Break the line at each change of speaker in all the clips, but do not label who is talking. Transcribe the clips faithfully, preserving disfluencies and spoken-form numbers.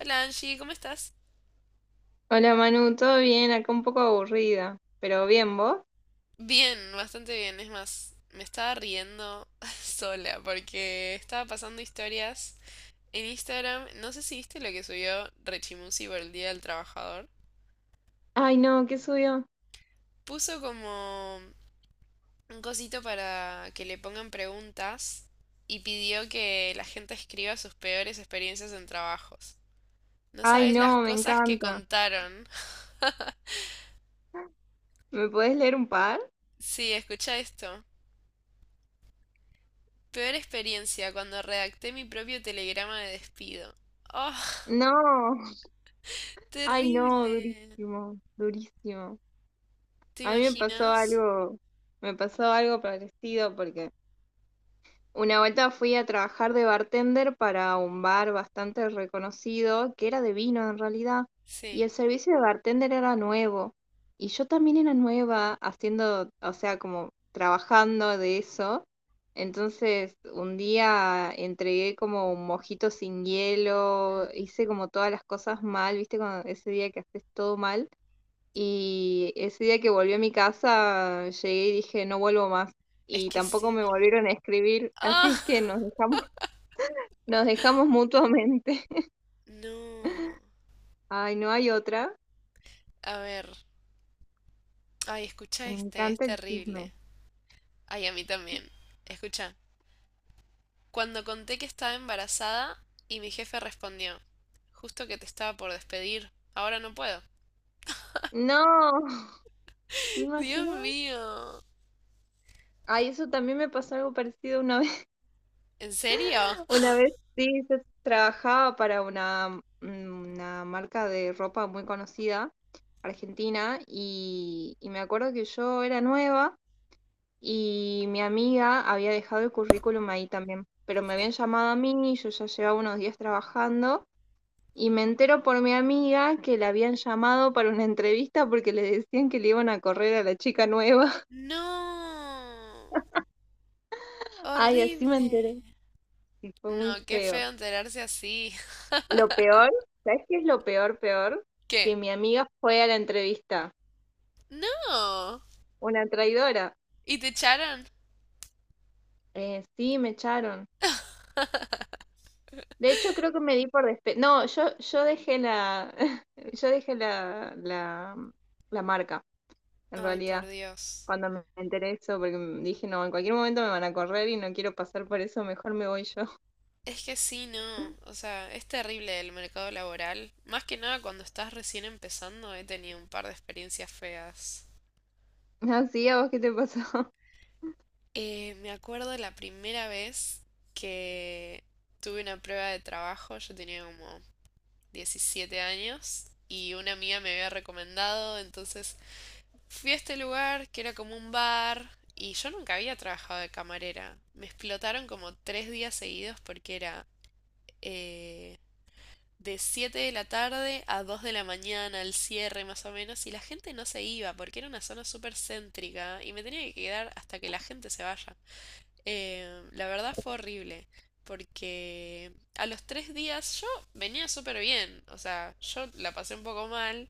Hola Angie, ¿cómo estás?
Hola Manu, ¿todo bien? Acá un poco aburrida, pero bien, ¿vos?
Bien, bastante bien. Es más, me estaba riendo sola porque estaba pasando historias en Instagram. No sé si viste lo que subió Rechimusi por el Día del Trabajador.
Ay, no, ¿qué subió?
Puso como un cosito para que le pongan preguntas y pidió que la gente escriba sus peores experiencias en trabajos. No
Ay,
sabes las
no, me
cosas que
encanta.
contaron.
¿Me podés leer un par?
Sí, escucha esto. Peor experiencia cuando redacté mi propio telegrama de despido. Oh.
No, ay,
Terrible.
no, durísimo, durísimo.
¿Te
A mí me pasó
imaginas?
algo, me pasó algo parecido porque una vuelta fui a trabajar de bartender para un bar bastante reconocido, que era de vino en realidad, y
Sí.
el servicio de bartender era nuevo. Y yo también era nueva haciendo, o sea, como trabajando de eso. Entonces, un día entregué como un mojito sin hielo,
Mm.
hice como todas las cosas mal, ¿viste? Cuando- ese día que haces todo mal. Y ese día que volví a mi casa, llegué y dije, no vuelvo más.
Es
Y
que
tampoco
sí,
me
no.
volvieron a escribir, así
¡Ah!
es que nos dejamos, nos dejamos mutuamente.
No.
Ay, no hay otra.
A ver. Ay, escucha
Me
este, es
encanta el chisme.
terrible. Ay, a mí también. Escucha. Cuando conté que estaba embarazada y mi jefe respondió, justo que te estaba por despedir, ahora no puedo.
No, ¿te
Dios
imaginas?
mío.
Ay, eso también me pasó algo parecido una vez.
¿En serio?
Una vez, sí, yo trabajaba para una, mm, una marca de ropa muy conocida, argentina, y, y me acuerdo que yo era nueva. Y mi amiga había dejado el currículum ahí también, pero me
Sí.
habían llamado a mí, y yo ya llevaba unos días trabajando, y me entero por mi amiga que la habían llamado para una entrevista porque le decían que le iban a correr a la chica nueva.
No.
Ay, así me
Horrible.
enteré. Y fue muy
No, qué
feo.
feo enterarse así.
Lo peor, ¿sabes qué es lo peor, peor? Que
¿Qué?
mi amiga fue a la entrevista.
No.
Una traidora.
¿Y te echaron?
Eh, sí, me echaron. De hecho, creo que me di por despe... no, yo, yo dejé la, yo dejé la, la, mm, la marca, en
Ay, por
realidad,
Dios.
cuando me enteré eso, porque m- dije, no, en cualquier momento me van a correr y no quiero pasar por eso, mejor me voy yo.
Es que sí, no. O sea, es terrible el mercado laboral. Más que nada cuando estás recién empezando, he tenido un par de experiencias feas.
Así, ¿a vos qué te pasó?
Eh, me acuerdo la primera vez que tuve una prueba de trabajo, yo tenía como diecisiete años y una amiga me había recomendado, entonces fui a este lugar que era como un bar y yo nunca había trabajado de camarera. Me explotaron como tres días seguidos porque era eh, de siete de la tarde a dos de la mañana, al cierre más o menos, y la gente no se iba porque era una zona súper céntrica y me tenía que quedar hasta que la gente se vaya. Eh, la verdad fue horrible porque a los tres días yo venía súper bien, o sea, yo la pasé un poco mal,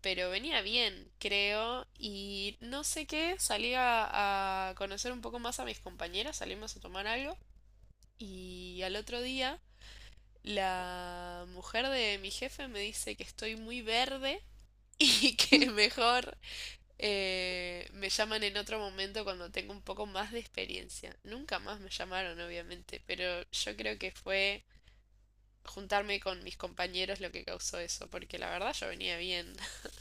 pero venía bien, creo, y no sé qué, salí a, a conocer un poco más a mis compañeras, salimos a tomar algo, y al otro día la mujer de mi jefe me dice que estoy muy verde y que mejor eh, me llaman en otro momento cuando tengo un poco más de experiencia. Nunca más me llamaron, obviamente, pero yo creo que fue juntarme con mis compañeros lo que causó eso, porque la verdad yo venía bien.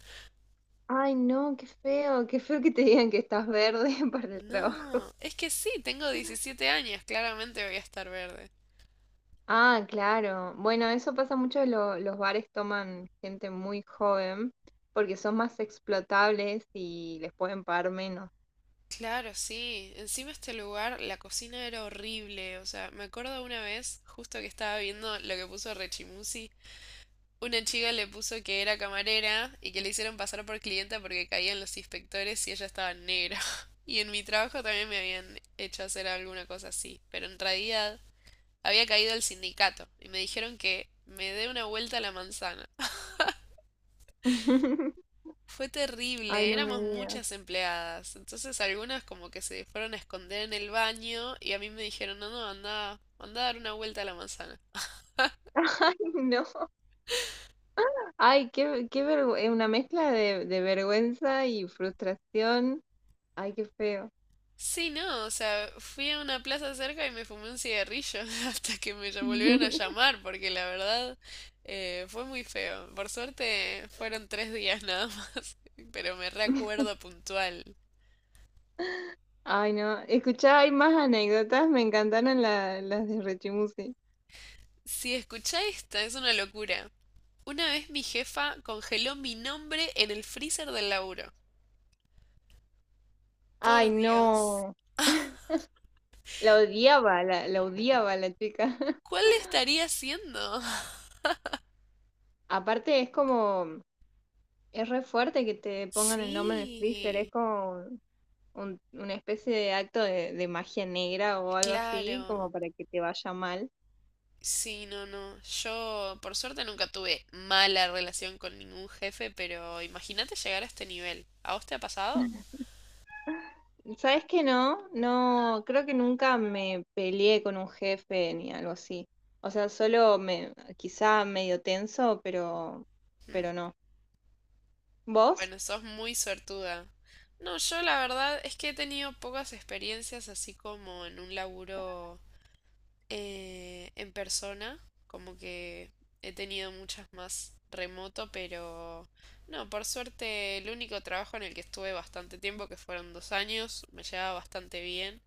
Ay, no, qué feo, qué feo que te digan que estás verde para el trabajo.
No, es que sí, tengo diecisiete años, claramente voy a estar verde.
Ah, claro. Bueno, eso pasa mucho, lo- los bares toman gente muy joven porque son más explotables y les pueden pagar menos.
Claro, sí. Encima este lugar, la cocina era horrible. O sea, me acuerdo una vez, justo que estaba viendo lo que puso Rechimusi, una chica le puso que era camarera y que le hicieron pasar por clienta porque caían los inspectores y ella estaba negra. Y en mi trabajo también me habían hecho hacer alguna cosa así, pero en realidad había caído el sindicato y me dijeron que me dé una vuelta a la manzana. Fue
Ay,
terrible,
no me
éramos
digas.
muchas empleadas, entonces algunas como que se fueron a esconder en el baño y a mí me dijeron, no, no, anda, anda a dar una vuelta a la manzana.
Ay, no. Ay, qué, qué vergüenza. Una mezcla de, de vergüenza y frustración. Ay, qué feo.
Sí, no, o sea, fui a una plaza cerca y me fumé un cigarrillo hasta que me ll- volvieron a llamar porque la verdad eh, fue muy feo. Por suerte fueron tres días nada más, pero me recuerdo puntual.
Ay, no. Escuchá, hay más anécdotas. Me encantaron la- las de Rechimusi.
Si escuchá esta, es una locura. Una vez mi jefa congeló mi nombre en el freezer del laburo. Por
Ay,
Dios.
no. La odiaba, la, la odiaba la chica.
¿Cuál estaría haciendo?
Aparte, es como. Es re fuerte que te pongan el nombre en el freezer. Es
Sí,
como un- una especie de acto de, de magia negra o algo así,
claro.
como para que te vaya mal.
Sí, no, no. Yo, por suerte, nunca tuve mala relación con ningún jefe, pero imagínate llegar a este nivel. ¿A vos te ha pasado?
¿Sabes que no? No, creo que nunca me peleé con un jefe ni algo así. O sea, solo me, quizá medio tenso, pero,
Mm.
pero no. ¿Vos?
Bueno, sos muy suertuda. No, yo la verdad es que he tenido pocas experiencias así como en un laburo eh, en persona, como que he tenido muchas más remoto, pero no, por suerte el único trabajo en el que estuve bastante tiempo, que fueron dos años, me llevaba bastante bien.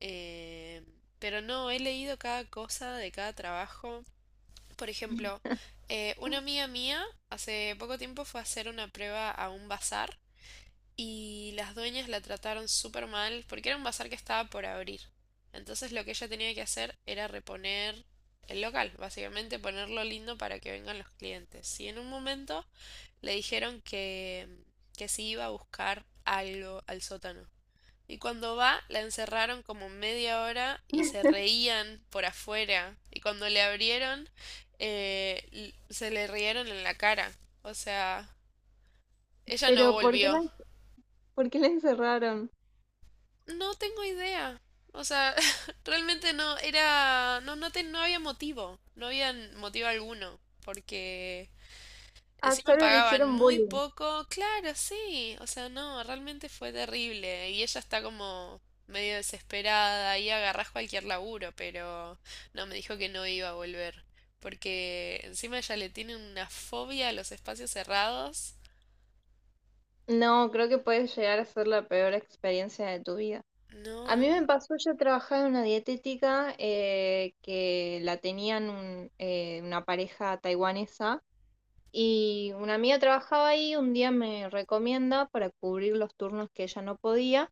eh, pero no, he leído cada cosa de cada trabajo. Por ejemplo, eh, una amiga mía hace poco tiempo fue a hacer una prueba a un bazar y las dueñas la trataron súper mal porque era un bazar que estaba por abrir. Entonces lo que ella tenía que hacer era reponer el local, básicamente ponerlo lindo para que vengan los clientes. Y en un momento le dijeron que, que si iba a buscar algo al sótano. Y cuando va, la encerraron como media hora y se reían por afuera. Y cuando le abrieron, eh, se le rieron en la cara. O sea, ella no
Pero ¿por qué
volvió.
la, por qué la encerraron?
No tengo idea. O sea, realmente no era, no, no, te- no había motivo, no había motivo alguno, porque
Ah,
encima
solo le
pagaban
hicieron
muy
bullying.
poco, claro, sí, o sea, no, realmente fue terrible y ella está como medio desesperada y agarrás cualquier laburo, pero no, me dijo que no iba a volver, porque encima ella le tiene una fobia a los espacios cerrados.
No, creo que puede llegar a ser la peor experiencia de tu vida. A mí me
No,
pasó, yo trabajaba en una dietética eh, que la tenían un- eh, una pareja taiwanesa. Y una amiga trabajaba ahí, un día me recomienda para cubrir los turnos que ella no podía.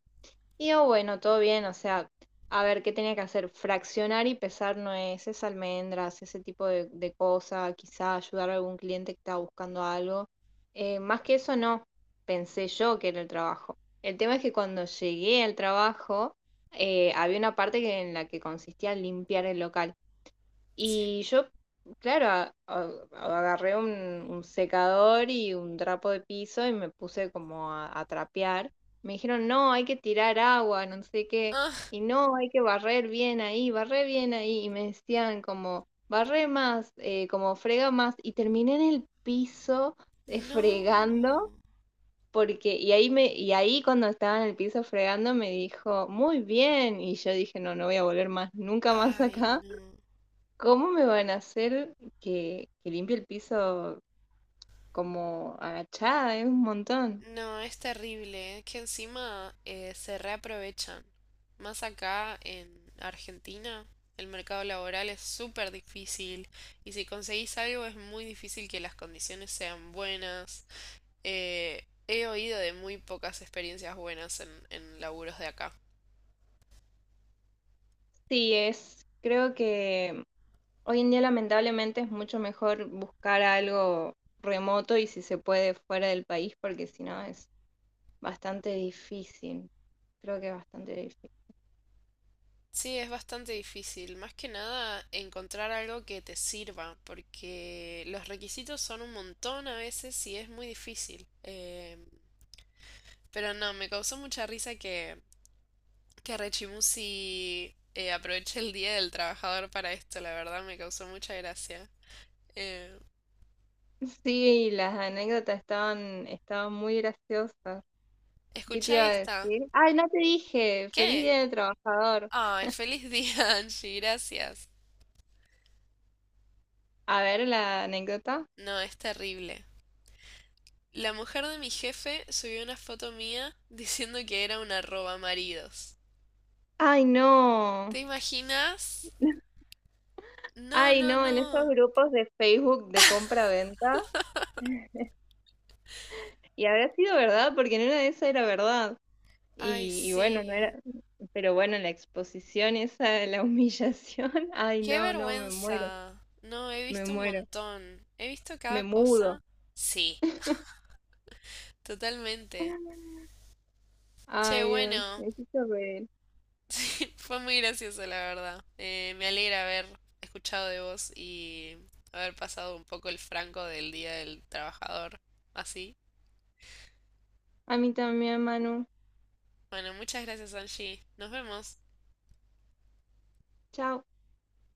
Y digo, bueno, todo bien, o sea, a ver qué tenía que hacer, fraccionar y pesar nueces, almendras, ese tipo de, de cosa, quizá ayudar a algún cliente que estaba buscando algo. Eh, más que eso no, pensé yo que era el trabajo. El tema es que cuando llegué al trabajo, eh, había una parte que- en la que consistía en limpiar el local.
sí.
Y yo, claro, a- a- agarré un, un secador y un trapo de piso y me puse como a, a trapear. Me dijeron, no, hay que tirar agua, no sé qué.
Ah,
Y no, hay que barrer bien ahí, barré bien ahí. Y me decían como, barré más, eh, como frega más. Y terminé en el piso eh,
no.
fregando. Porque, y ahí me, y ahí cuando estaba en el piso fregando me dijo, muy bien. Y yo dije, no, no voy a volver más, nunca más
Ay,
acá.
no.
¿Cómo me van a hacer que, que limpie el piso como agachada? Es un montón.
No, es terrible, es que encima eh, se reaprovechan. Más acá en Argentina, el mercado laboral es súper difícil y si conseguís algo es muy difícil que las condiciones sean buenas. Eh, he oído de muy pocas experiencias buenas en, en laburos de acá.
Sí, es, creo que hoy en día lamentablemente es mucho mejor buscar algo remoto y si se puede fuera del país, porque si no es bastante difícil. Creo que es bastante difícil.
Sí, es bastante difícil. Más que nada encontrar algo que te sirva, porque los requisitos son un montón a veces y es muy difícil. Em, Pero no, me causó mucha risa que, que Rechimusi eh, aproveche el Día del Trabajador para esto, la verdad me causó mucha gracia. Eh,
Sí, las anécdotas estaban, estaban muy graciosas. ¿Qué te
Escuchá
iba a
esta.
decir? Ay, no te dije, feliz
¿Qué?
día del trabajador.
Ay, feliz día, Angie, gracias.
A ver la anécdota.
No, es terrible. La mujer de mi jefe subió una foto mía diciendo que era una roba maridos.
Ay, no.
¿Te imaginas? No,
Ay,
no,
no, en esos
no.
grupos de Facebook de compra-venta, y habrá sido verdad, porque en una de esas era verdad.
Ay,
Y, y bueno, no
sí.
era, pero bueno, la exposición esa de la humillación, ay,
Qué
no, no, me muero,
vergüenza. No, he
me
visto un
muero,
montón. He visto
me
cada
mudo.
cosa. Sí. Totalmente. Che,
Ay, Dios,
bueno,
me hiciste reír.
sí, fue muy gracioso, la verdad. Eh, me alegra haber escuchado de vos y haber pasado un poco el franco del Día del Trabajador. Así.
A mí también, Manu.
Bueno, muchas gracias, Angie. Nos vemos.
Chao.